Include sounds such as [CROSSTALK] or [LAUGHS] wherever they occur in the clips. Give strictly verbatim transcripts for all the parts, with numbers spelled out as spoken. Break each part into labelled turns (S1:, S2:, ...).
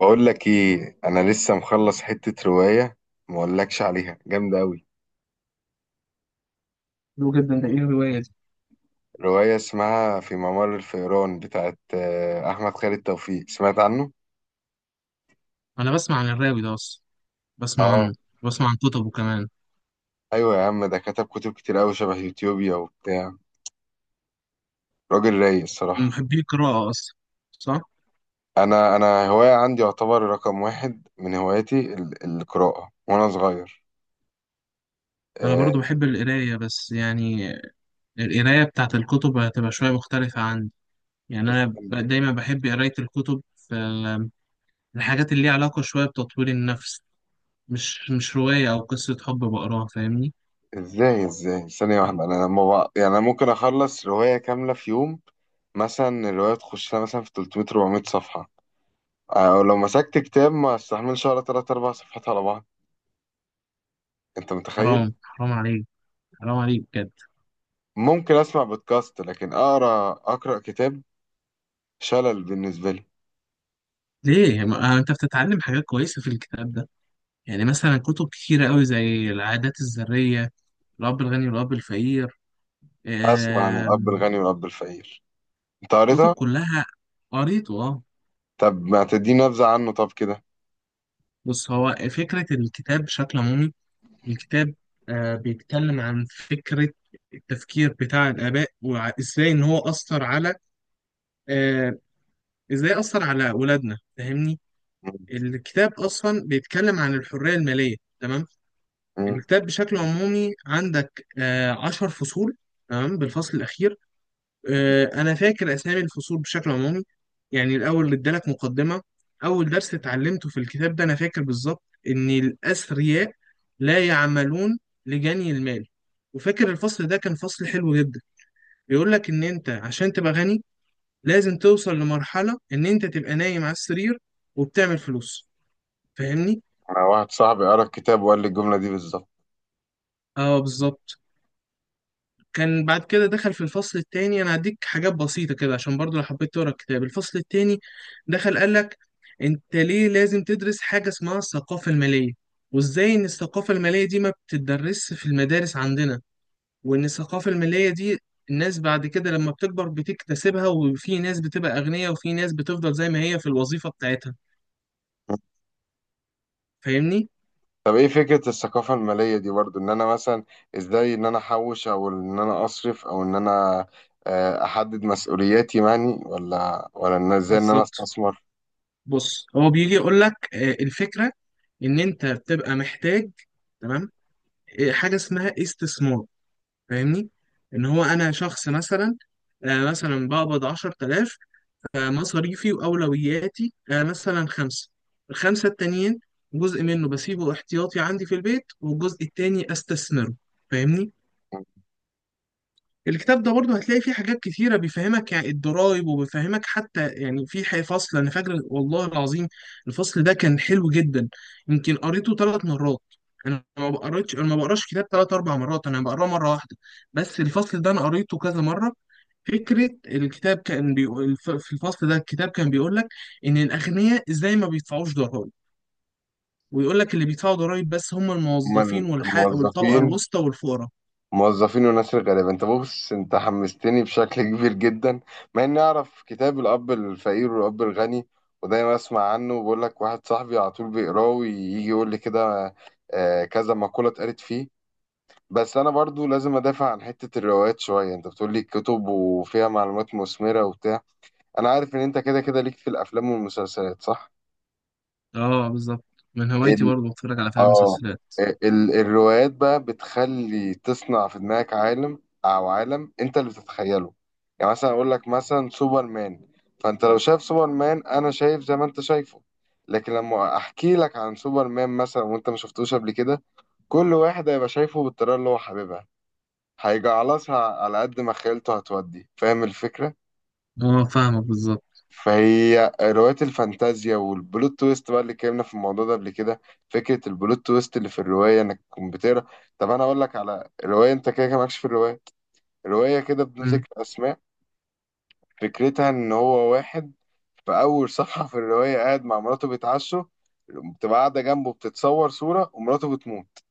S1: بقول لك ايه؟ انا لسه مخلص حتة رواية، ما اقولكش عليها جامدة قوي.
S2: حلو جدا. ده ايه الرواية دي؟
S1: رواية اسمها في ممر الفئران بتاعت آه، احمد خالد توفيق، سمعت عنه؟
S2: انا بسمع عن الراوي ده اصلا، بسمع عنه،
S1: اه.
S2: بسمع عن كتبه كمان.
S1: ايوه يا عم، ده كتب كتب كتير قوي، شبه يوتيوبيا وبتاع. راجل رايق
S2: من
S1: الصراحة.
S2: محبي القراءة اصلا، صح.
S1: انا انا هواية عندي يعتبر رقم واحد من هواياتي، ال- القراءة وانا صغير.
S2: انا برضو بحب القراية بس يعني القراية بتاعت الكتب هتبقى شوية مختلفة عندي. يعني
S1: آه،
S2: انا ب- دايما بحب قراية الكتب في الحاجات اللي ليها علاقة شوية بتطوير النفس. مش مش رواية او قصة حب بقراها، فاهمني؟
S1: ازاي ازاي ثانية واحدة، انا لما بقى يعني انا ممكن اخلص رواية كاملة في يوم. مثلا الرواية تخش لها مثلا في تلت ميه أربعمائة صفحة. آه، او لو مسكت كتاب ما استحملش ولا ثلاث اربع صفحات على بعض، انت متخيل؟
S2: حرام حرام عليك، حرام عليك بجد.
S1: ممكن اسمع بودكاست، لكن اقرا اقرا كتاب، شلل بالنسبة لي.
S2: ليه، ما انت بتتعلم حاجات كويسة في الكتاب ده. يعني مثلا كتب كتيرة قوي زي العادات الذرية، الاب الغني والاب الفقير.
S1: اسمع عن الاب
S2: آم،
S1: الغني والاب الفقير، انت
S2: كتب
S1: قريتها؟
S2: كلها قريته اه.
S1: طب ما تديني نبذة عنه طب كده.
S2: بص، هو فكرة الكتاب بشكل عمومي، الكتاب آه، بيتكلم عن فكرة التفكير بتاع الآباء وإزاي إن هو أثر على، آه، إزاي أثر على أولادنا، فاهمني؟
S1: مم.
S2: الكتاب أصلا بيتكلم عن الحرية المالية، تمام.
S1: مم.
S2: الكتاب بشكل عمومي عندك آه، عشر فصول. تمام، بالفصل الأخير آه، انا فاكر اسامي الفصول بشكل عمومي. يعني الاول اللي ادالك مقدمه، اول درس اتعلمته في الكتاب ده انا فاكر بالظبط، ان الاثرياء لا يعملون لجني المال. وفاكر الفصل ده كان فصل حلو جدا، بيقول لك ان انت عشان تبقى غني لازم توصل لمرحله ان انت تبقى نايم على السرير وبتعمل فلوس، فاهمني؟
S1: انا واحد صاحبي قرا الكتاب وقال لي الجملة دي بالظبط.
S2: اه بالظبط. كان بعد كده دخل في الفصل التاني، انا هديك حاجات بسيطة كده عشان برضو لو حبيت تقرا الكتاب. الفصل التاني دخل قال لك انت ليه لازم تدرس حاجة اسمها الثقافة المالية، وازاي ان الثقافة المالية دي ما بتدرسش في المدارس عندنا، وان الثقافة المالية دي الناس بعد كده لما بتكبر بتكتسبها، وفي ناس بتبقى أغنياء وفي ناس بتفضل زي ما هي في الوظيفة بتاعتها، فاهمني؟
S1: طب ايه فكرة الثقافة المالية دي برضو، ان انا مثلا ازاي ان انا احوش او ان انا اصرف او ان انا آه، احدد مسؤولياتي يعني، ولا ولا ان ازاي ان انا
S2: بالظبط.
S1: استثمر.
S2: بص، هو بيجي يقول لك آه، الفكرة ان انت بتبقى محتاج، تمام، آه، حاجة اسمها استثمار، فاهمني؟ ان هو انا شخص مثلا آه، مثلا بقبض عشرة آلاف، فمصاريفي واولوياتي آه، مثلا خمسه، الخمسه التانيين جزء منه بسيبه احتياطي عندي في البيت والجزء التاني استثمره، فاهمني؟ الكتاب ده برضه هتلاقي فيه حاجات كتيرة بيفهمك يعني الضرايب، وبيفهمك حتى يعني في ح- فصل أنا فاكر والله العظيم الفصل ده كان حلو جدا، يمكن قريته ثلاث مرات. أنا ما بقريتش أنا ما بقراش كتاب ثلاث أربع مرات، أنا بقراه مرة واحدة، بس الفصل ده أنا قريته كذا مرة. فكرة الكتاب كان بيقول الف- في الفصل ده الكتاب كان بيقول لك إن الأغنياء إزاي ما بيدفعوش ضرايب، ويقول لك اللي بيدفعوا ضرايب بس هم الموظفين
S1: من
S2: والح... والطبقة
S1: موظفين،
S2: الوسطى والفقراء.
S1: موظفين وناس الغلابة. انت بص، انت حمستني بشكل [LAUGHS] كبير جدا، مع اني اعرف كتاب الاب الفقير والاب الغني، ودايما اسمع عنه، وبقول لك واحد صاحبي على طول بيقراه ويجي يقول لي كده آه، كذا مقولة اتقالت فيه. بس انا برضو لازم ادافع عن حتة الروايات شوية. انت بتقول لي كتب وفيها معلومات مثمرة وبتاع، انا عارف ان انت كده كده ليك في الافلام والمسلسلات، صح؟
S2: اه بالظبط. من هوايتي
S1: ال...
S2: برضه بتفرج على افلام
S1: اه،
S2: ومسلسلات.
S1: ال... الروايات بقى بتخلي تصنع في دماغك عالم، او عالم انت اللي بتتخيله. يعني مثلا اقول لك مثلا سوبرمان، فانت لو شايف سوبرمان انا شايف زي ما انت شايفه، لكن لما احكي لك عن سوبرمان مثلا وانت ما شفتوش قبل كده، كل واحد هيبقى شايفه بالطريقة اللي هو حاببها، هيجعلصها على قد ما خيلته هتودي. فاهم الفكرة؟
S2: اه فاهمك بالظبط.
S1: فهي رواية الفانتازيا والبلوت تويست بقى، اللي اتكلمنا في الموضوع ده قبل كده. فكرة البلوت تويست اللي في الرواية انك تكون بتقرا. طب انا اقول لك على رواية، انت كده كده مالكش في الرواية، رواية كده بدون
S2: مم.
S1: ذكر اسماء. فكرتها ان هو واحد في اول صفحة في الرواية قاعد مع مراته بيتعشوا، بتبقى قاعدة جنبه بتتصور صورة، ومراته بتموت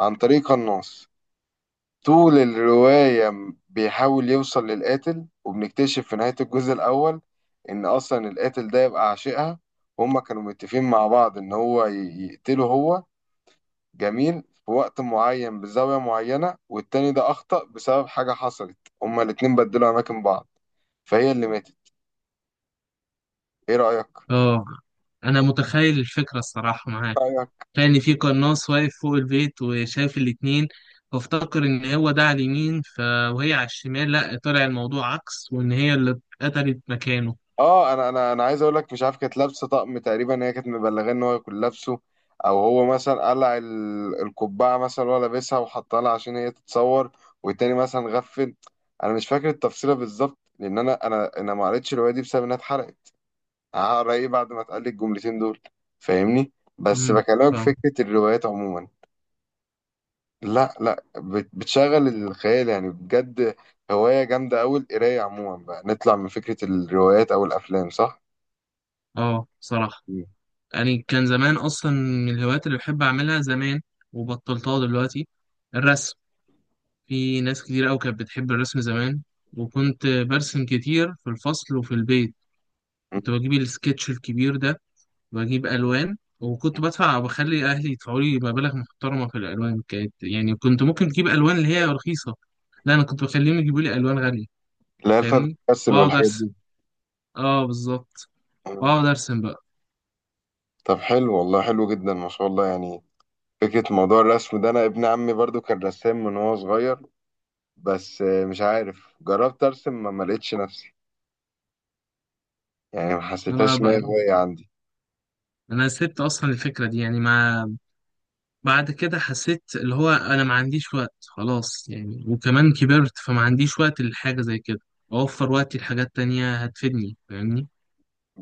S1: عن طريق قناص. طول الرواية م- بيحاول يوصل للقاتل، وبنكتشف في نهاية الجزء الأول إن أصلا القاتل ده يبقى عاشقها، هما كانوا متفقين مع بعض إن هو ي- يقتله هو، جميل، في وقت معين بزاوية معينة، والتاني ده أخطأ بسبب حاجة حصلت، هما الاتنين بدلوا أماكن بعض، فهي اللي ماتت. إيه رأيك؟
S2: اه انا متخيل الفكره الصراحه معاك، كان في قناص واقف فوق البيت وشايف الاتنين، فافتكر ان هو ده على اليمين ف... وهي على الشمال، لا طلع الموضوع عكس وان هي اللي اتقتلت مكانه.
S1: اه، انا انا انا عايز اقول لك، مش عارف كانت لابسه طقم تقريبا، هي كانت مبلغاه ان هو يكون لابسه، او هو مثلا قلع ال- القبعه مثلا وهو لابسها وحطها لها عشان هي تتصور، والتاني مثلا غفل. انا مش فاكر التفصيله بالظبط، لان انا انا انا ما قريتش الروايه دي بسبب انها اتحرقت، هقرا ايه بعد ما اتقال لي الجملتين دول؟ فاهمني؟ بس
S2: امم ف
S1: بكلمك في فكره الروايات عموما. لا لا، بت- بتشغل الخيال يعني بجد، هوايه جامده قوي القرايه عموما. بقى نطلع من فكره الروايات او الافلام، صح؟
S2: اه صراحه.
S1: مم.
S2: يعني كان زمان اصلا من الهوايات اللي بحب اعملها زمان وبطلتها دلوقتي، الرسم. في ناس كتير أوي كانت بتحب الرسم زمان، وكنت برسم كتير في الفصل وفي البيت، كنت بجيب السكتش الكبير ده، بجيب ألوان، وكنت بدفع وبخلي أهلي يدفعوا لي مبالغ محترمة في الألوان. كانت يعني كنت ممكن أجيب ألوان اللي هي رخيصة، لا أنا كنت بخليهم يجيبوا لي ألوان غالية،
S1: اللي هي الفا
S2: فاهمني؟
S1: بتمثل
S2: وأقعد
S1: والحاجات
S2: أرسم.
S1: دي.
S2: أه بالظبط،
S1: مم.
S2: وأقعد أرسم بقى.
S1: طب حلو والله، حلو جدا، ما شاء الله يعني. فكرة موضوع الرسم ده، أنا ابن عمي برضو كان رسام من وهو صغير، بس آه، مش عارف، جربت أرسم ما ما لقيتش نفسي، يعني ما
S2: أنا
S1: حسيتهاش إن هي
S2: بقى،
S1: هواية عندي.
S2: أنا سبت أصلا الفكرة دي، يعني ما، بعد كده حسيت اللي هو انا ما عنديش وقت خلاص يعني، وكمان كبرت فما عنديش وقت لحاجة زي كده، اوفر وقتي لحاجات تانية هتفيدني، فاهمني؟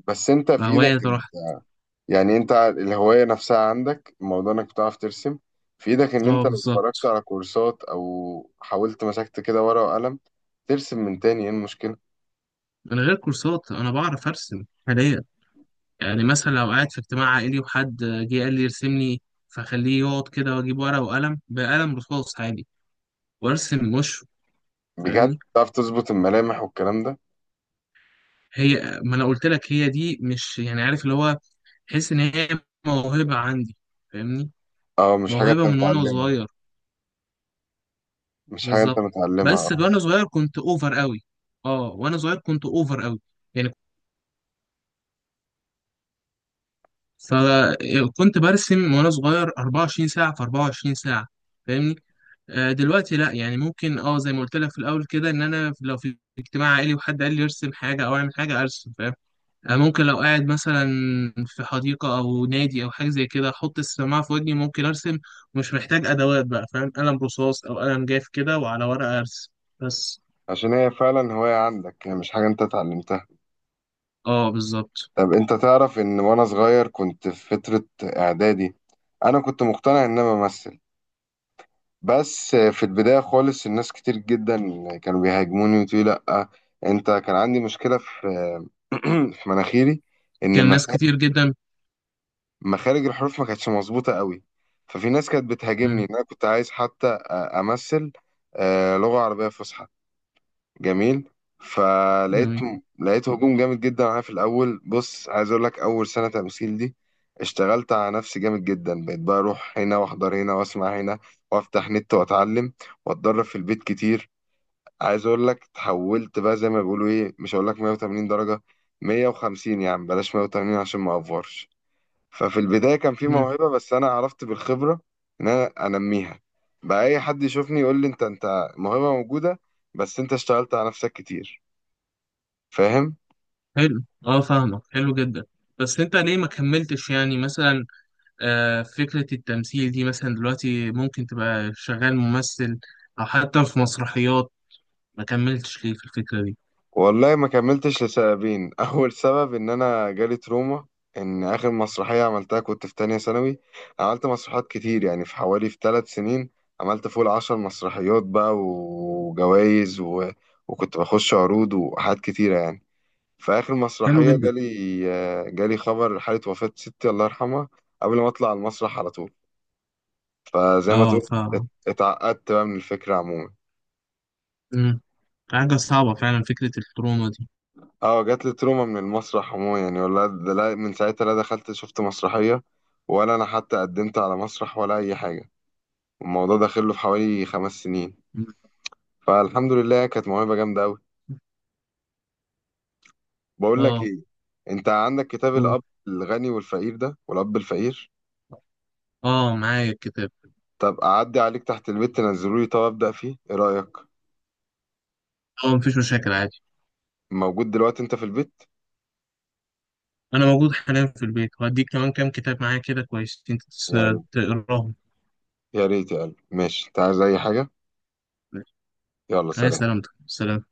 S1: بس أنت في إيدك،
S2: فهواية راحت.
S1: يعني أنت الهواية نفسها عندك، موضوع إنك بتعرف ترسم، في إيدك إن
S2: اه
S1: أنت لو اتفرجت
S2: بالظبط.
S1: على كورسات أو حاولت مسكت كده ورقة وقلم ترسم من تاني، إيه المشكلة؟
S2: من غير كورسات انا بعرف ارسم حاليا. يعني مثلا لو قاعد في اجتماع عائلي وحد جه قال لي ارسم لي، فخليه يقعد كده واجيب ورقة وقلم، بقلم رصاص عادي، وارسم وشه.
S1: بجد
S2: فاهمني،
S1: تعرف تظبط الملامح والكلام ده؟
S2: هي ما انا قلت لك هي دي، مش يعني عارف اللي هو، تحس ان هي موهبة عندي، فاهمني؟
S1: أه، مش حاجة أنت
S2: موهبة من وانا
S1: متعلمها.
S2: صغير.
S1: مش حاجة انت
S2: بالظبط.
S1: متعلمها،
S2: بس
S1: اه،
S2: وانا صغير كنت اوفر قوي. اه وانا صغير كنت اوفر قوي، يعني فكنت برسم وانا صغير أربعة وعشرين ساعة في أربعة وعشرين ساعة، فاهمني؟ آه دلوقتي لا، يعني ممكن اه زي ما قلت لك في الاول كده، ان انا لو في اجتماع عائلي وحد قال لي ارسم حاجة او اعمل حاجة ارسم، فاهم؟ آه ممكن لو قاعد مثلا في حديقة او نادي او حاجة زي كده احط السماعة في ودني ممكن ارسم، مش محتاج ادوات بقى، فاهم؟ قلم رصاص او قلم جاف كده وعلى ورقة ارسم بس.
S1: عشان هي فعلا هواية عندك، هي مش حاجة انت اتعلمتها.
S2: اه بالظبط.
S1: طب انت تعرف ان وانا صغير كنت في فترة اعدادي، انا كنت مقتنع ان انا بمثل، بس في البداية خالص الناس كتير جدا كانوا بيهاجموني وتقولي لأ، انت كان عندي مشكلة في [CLEARS THROAT] في مناخيري، ان
S2: كان ناس
S1: مخ-
S2: كتير جدا.
S1: مخارج الحروف ما كانتش مظبوطة قوي، ففي ناس كانت بتهاجمني ان
S2: مم.
S1: انا كنت عايز حتى أ- امثل آه، لغة عربية فصحى. جميل. فلقيت
S2: جميل.
S1: لقيت هجوم جامد جدا عليا في الاول. بص عايز اقول لك، اول سنه تمثيل دي اشتغلت على نفسي جامد جدا، بقيت بقى اروح هنا واحضر هنا واسمع هنا وافتح نت واتعلم واتدرب في البيت كتير. عايز اقول لك تحولت بقى، زي ما بيقولوا ايه، مش هقول لك مية وتمانين درجه، مائة وخمسين يا عم، بلاش مائة وثمانين عشان ما افورش. ففي البدايه كان في
S2: مم.
S1: موهبه، بس انا عرفت بالخبره ان انا انميها، بقى اي حد يشوفني يقول لي انت انت موهبه موجوده، بس انت اشتغلت على نفسك كتير، فاهم؟
S2: حلو، اه فاهمك، حلو جدا. بس انت ليه ما كملتش، يعني مثلا آه فكرة التمثيل دي مثلا دلوقتي ممكن تبقى شغال ممثل او حتى في مسرحيات، ما كملتش ليه في الفكرة دي؟
S1: والله ما كملتش لسببين [LAUGHS] اول سبب ان انا جالي تروما، ان اخر مسرحيه عملتها كنت في تانية ثانوي، عملت مسرحيات كتير، يعني في حوالي في ثلاث سنين عملت فوق العشر مسرحيات بقى وجوائز و... وكنت بخش عروض وحاجات كتيره يعني. في اخر
S2: حلو
S1: مسرحيه
S2: جدا.
S1: جالي آه، جالي خبر حاله وفاه ستي الله يرحمها قبل ما اطلع على المسرح على طول. فزي ما
S2: اه
S1: تقول،
S2: ف.
S1: ات- اتعقدت بقى من الفكره عموما.
S2: مم. حاجة صعبة فعلا فكرة التروما دي.
S1: اه، جات لي تروما من المسرح عموما يعني، ولا ده، لا، من ساعتها لا دخلت شفت مسرحية ولا انا حتى قدمت على مسرح ولا اي حاجة، الموضوع داخل له في حوالي خمس سنين.
S2: مم.
S1: فالحمد لله، كانت موهبة جامدة اوي. بقول لك
S2: اه.
S1: ايه، انت عندك كتاب
S2: دول.
S1: الاب الغني والفقير ده والاب الفقير؟
S2: اه معايا الكتاب.
S1: طب اعدي عليك تحت البيت تنزله لي، طب ابدا فيه، ايه رأيك؟
S2: اه مفيش مشاكل عادي.
S1: موجود دلوقتي انت في البيت؟
S2: انا موجود حاليا في البيت، وهديك كمان كام كتاب معايا كده، كويس انت تس-
S1: يا ريت،
S2: تقراهم.
S1: يا ريت يا قلبي. ماشي، انت عايز اي حاجة؟ يلا
S2: هاي،
S1: سلام.
S2: سلامتك، سلام.